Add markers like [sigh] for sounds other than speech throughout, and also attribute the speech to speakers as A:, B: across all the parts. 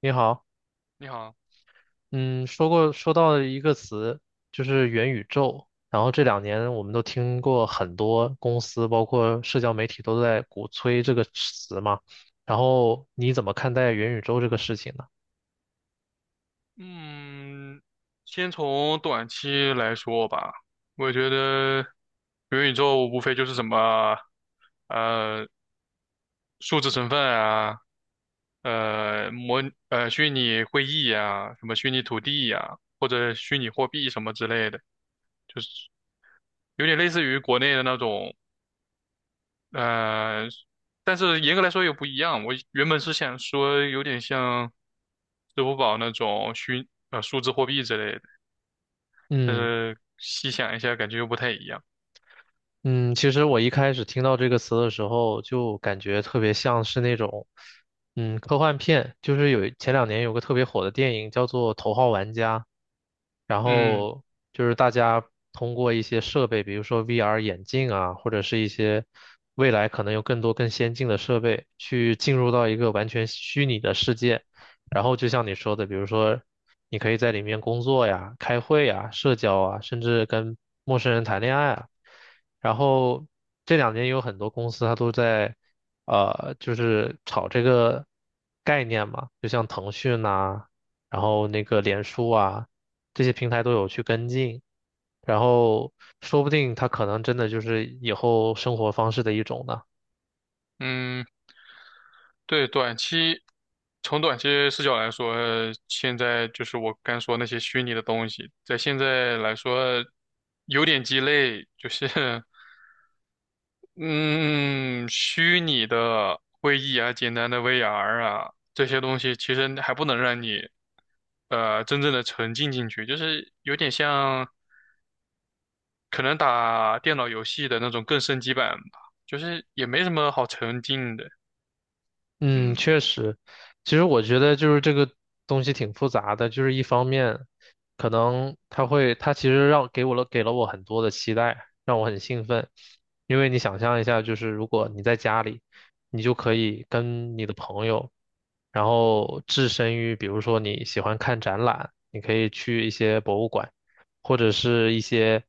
A: 你好，
B: 你好。
A: 嗯，说到了一个词，就是元宇宙。然后这两年我们都听过很多公司，包括社交媒体都在鼓吹这个词嘛。然后你怎么看待元宇宙这个事情呢？
B: 嗯，先从短期来说吧，我觉得元宇宙无非就是什么，呃，数字身份啊，呃，模虚拟会议呀、什么虚拟土地呀、或者虚拟货币什么之类的，就是有点类似于国内的那种，呃，但是严格来说又不一样。我原本是想说有点像支付宝那种数字货币之类的。但
A: 嗯。
B: 是细想一下，感觉又不太一样。
A: 嗯，其实我一开始听到这个词的时候，就感觉特别像是那种，科幻片。就是有前两年有个特别火的电影叫做《头号玩家》，然
B: 嗯。
A: 后就是大家通过一些设备，比如说 VR 眼镜啊，或者是一些未来可能有更多更先进的设备，去进入到一个完全虚拟的世界。然后就像你说的，比如说你可以在里面工作呀、开会呀、社交啊，甚至跟陌生人谈恋爱啊。然后这两年有很多公司它都在，就是炒这个概念嘛，就像腾讯呐、然后那个脸书啊，这些平台都有去跟进，然后说不定它可能真的就是以后生活方式的一种呢。
B: 嗯，对，从短期视角来说，现在就是我刚说那些虚拟的东西，在现在来说有点鸡肋，就是 [laughs] 嗯，虚拟的会议啊，简单的 VR 啊，这些东西其实还不能让你真正的沉浸进去，就是有点像。可能打电脑游戏的那种更升级版吧，就是也没什么好沉浸的。
A: 嗯，
B: 嗯。
A: 确实，其实我觉得就是这个东西挺复杂的，就是一方面，可能它会，它其实让给我了给了我很多的期待，让我很兴奋，因为你想象一下，就是如果你在家里，你就可以跟你的朋友，然后置身于，比如说你喜欢看展览，你可以去一些博物馆，或者是一些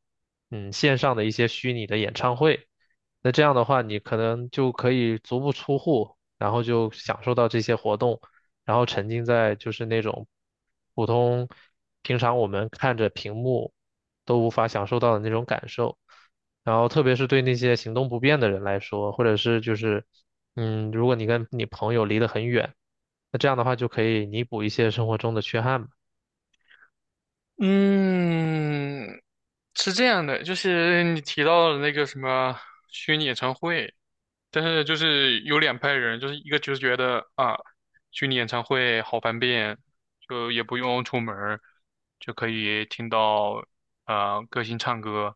A: 线上的一些虚拟的演唱会。那这样的话，你可能就可以足不出户，然后就享受到这些活动，然后沉浸在就是那种普通平常我们看着屏幕都无法享受到的那种感受。然后特别是对那些行动不便的人来说，或者是就是如果你跟你朋友离得很远，那这样的话就可以弥补一些生活中的缺憾嘛。
B: 嗯，是这样的，就是你提到的那个什么虚拟演唱会，但是就是有两派人，就是一个就是觉得啊，虚拟演唱会好方便，就也不用出门儿就可以听到啊、歌星唱歌。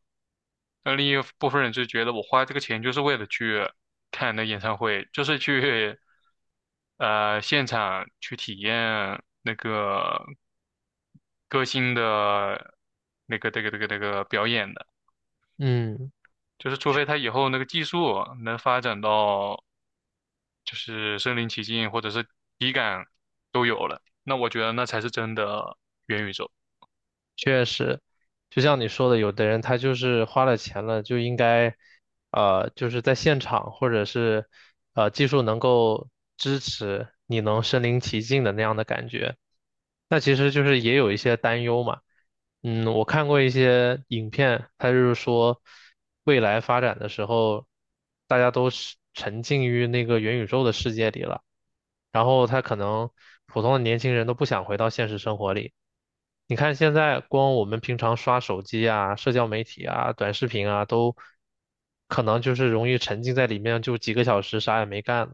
B: 那另一部分人就觉得我花这个钱就是为了去看那演唱会，就是去现场去体验那个歌星的这个表演的。
A: 嗯。
B: 就是除非他以后那个技术能发展到就是身临其境或者是体感都有了，那我觉得那才是真的元宇宙。
A: 确实，就像你说的，有的人他就是花了钱了，就应该，就是在现场或者是，技术能够支持你能身临其境的那样的感觉。那其实就是也有一些担忧嘛。我看过一些影片，它就是说，未来发展的时候，大家都是沉浸于那个元宇宙的世界里了。然后他可能普通的年轻人都不想回到现实生活里。你看现在光我们平常刷手机啊、社交媒体啊、短视频啊，都可能就是容易沉浸在里面，就几个小时啥也没干，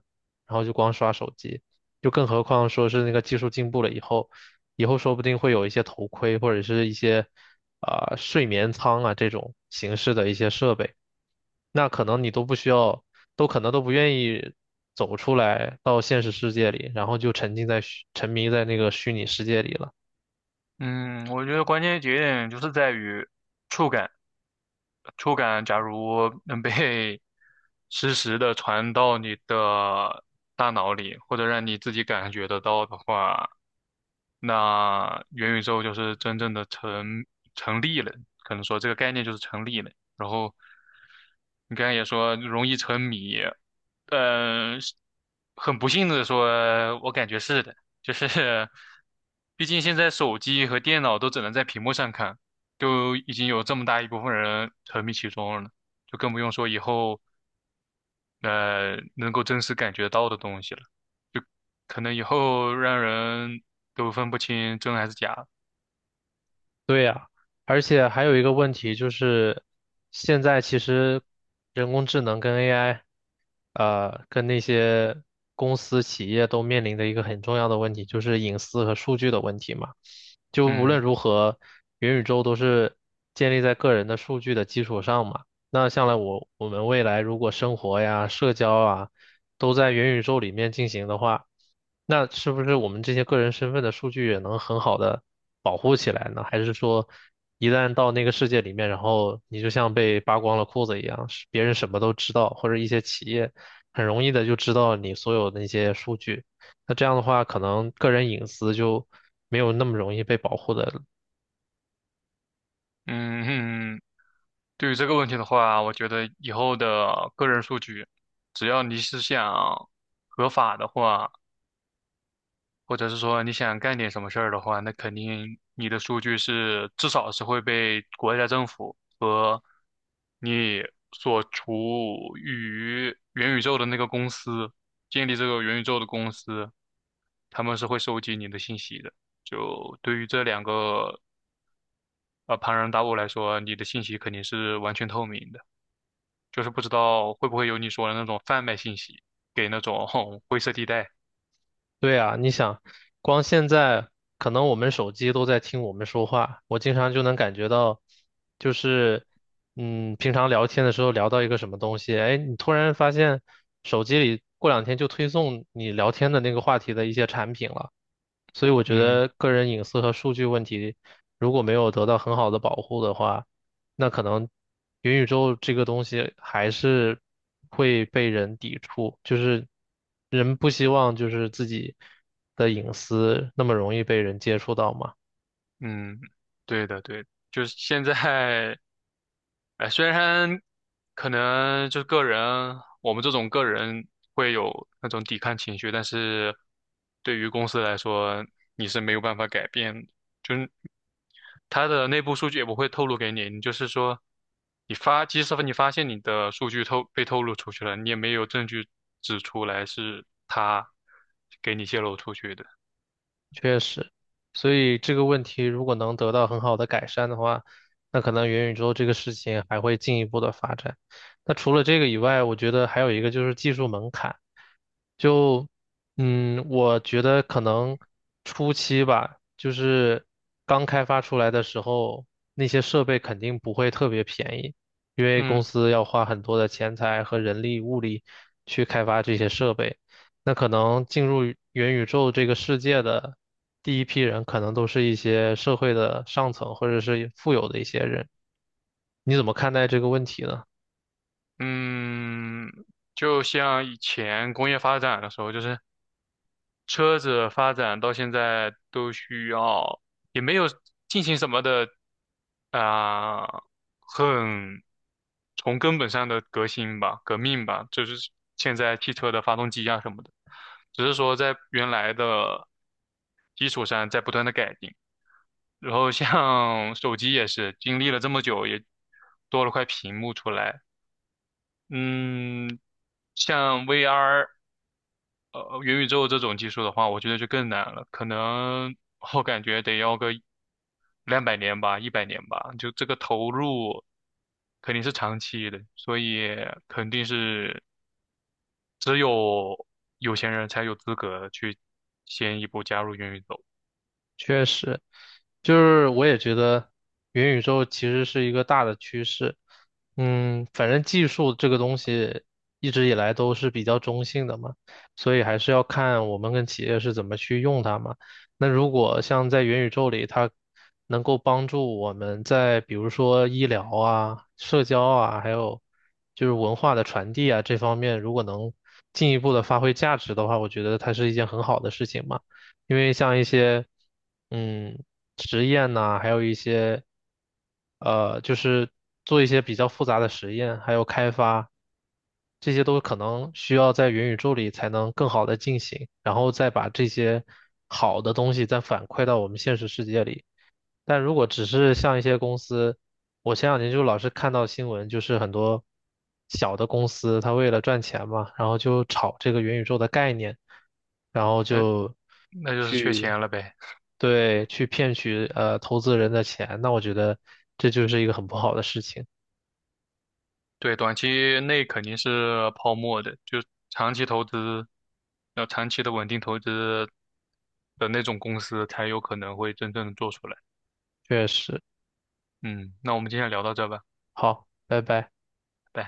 A: 然后就光刷手机。就更何况说是那个技术进步了以后，以后说不定会有一些头盔或者是一些啊、睡眠舱啊这种形式的一些设备。那可能你都不需要，都可能都不愿意走出来到现实世界里，然后就沉迷在那个虚拟世界里了。
B: 嗯，我觉得关键节点就是在于触感。触感假如能被 [laughs] 实时的传到你的大脑里，或者让你自己感觉得到的话，那元宇宙就是真正的成立了，可能说这个概念就是成立了。然后你刚才也说容易沉迷，是很不幸的说，我感觉是的，就是 [laughs] 毕竟现在手机和电脑都只能在屏幕上看，就已经有这么大一部分人沉迷其中了，就更不用说以后能够真实感觉到的东西了，可能以后让人都分不清真还是假。
A: 对呀，而且还有一个问题就是，现在其实人工智能跟 AI，跟那些公司企业都面临的一个很重要的问题，就是隐私和数据的问题嘛。就无
B: 嗯。
A: 论如何，元宇宙都是建立在个人的数据的基础上嘛。那将来我们未来如果生活呀、社交啊，都在元宇宙里面进行的话，那是不是我们这些个人身份的数据也能很好的保护起来呢？还是说，一旦到那个世界里面，然后你就像被扒光了裤子一样，是别人什么都知道，或者一些企业很容易的就知道你所有的那些数据。那这样的话，可能个人隐私就没有那么容易被保护的。
B: 嗯嗯，对于这个问题的话，我觉得以后的个人数据，只要你是想合法的话，或者是说你想干点什么事儿的话，那肯定你的数据是至少是会被国家政府和你所处于元宇宙的那个公司，建立这个元宇宙的公司，他们是会收集你的信息的。就对于这两个庞然大物来说，你的信息肯定是完全透明的。就是不知道会不会有你说的那种贩卖信息给那种 [laughs] 灰色地带。
A: 对啊，你想，光现在可能我们手机都在听我们说话，我经常就能感觉到，就是，平常聊天的时候聊到一个什么东西，哎，你突然发现手机里过两天就推送你聊天的那个话题的一些产品了。所以我觉
B: 嗯。
A: 得个人隐私和数据问题如果没有得到很好的保护的话，那可能元宇宙这个东西还是会被人抵触，就是人不希望就是自己的隐私那么容易被人接触到嘛。
B: 嗯，对的对的，就是现在，哎，虽然可能就是个人，我们这种个人会有那种抵抗情绪，但是对于公司来说，你是没有办法改变的。就是它的内部数据也不会透露给你。你就是说，你发，即使你发现你的数据被透露出去了，你也没有证据指出来是它给你泄露出去的。
A: 确实，所以这个问题如果能得到很好的改善的话，那可能元宇宙这个事情还会进一步的发展。那除了这个以外，我觉得还有一个就是技术门槛。就我觉得可能初期吧，就是刚开发出来的时候，那些设备肯定不会特别便宜，因为
B: 嗯。
A: 公司要花很多的钱财和人力物力去开发这些设备。那可能进入元宇宙这个世界的第一批人，可能都是一些社会的上层或者是富有的一些人。你怎么看待这个问题呢？
B: 嗯，就像以前工业发展的时候，就是车子发展到现在都需要，也没有进行什么的啊、很从根本上的革新吧、革命吧，就是现在汽车的发动机啊什么的，只是说在原来的基础上在不断的改进。然后像手机也是经历了这么久，也多了块屏幕出来。嗯，像 VR。呃元宇宙这种技术的话，我觉得就更难了，可能我感觉得要个200年吧，100年吧，就这个投入肯定是长期的，所以肯定是只有有钱人才有资格去先一步加入元宇宙。
A: 确实，就是我也觉得元宇宙其实是一个大的趋势。反正技术这个东西一直以来都是比较中性的嘛，所以还是要看我们跟企业是怎么去用它嘛。那如果像在元宇宙里，它能够帮助我们在比如说医疗啊、社交啊，还有就是文化的传递啊这方面，如果能进一步的发挥价值的话，我觉得它是一件很好的事情嘛。因为像一些嗯实验呐、还有一些就是做一些比较复杂的实验，还有开发，这些都可能需要在元宇宙里才能更好的进行，然后再把这些好的东西再反馈到我们现实世界里。但如果只是像一些公司，我前两年就老是看到新闻，就是很多小的公司，它为了赚钱嘛，然后就炒这个元宇宙的概念，然后
B: 那
A: 就
B: 那就是缺
A: 去，
B: 钱了呗。
A: 对，去骗取投资人的钱，那我觉得这就是一个很不好的事情，
B: 对，短期内肯定是泡沫的，就长期投资，要长期的稳定投资的那种公司才有可能会真正的做出来。
A: 确实。
B: 嗯，那我们今天聊到这吧。
A: 好，拜拜。
B: 对，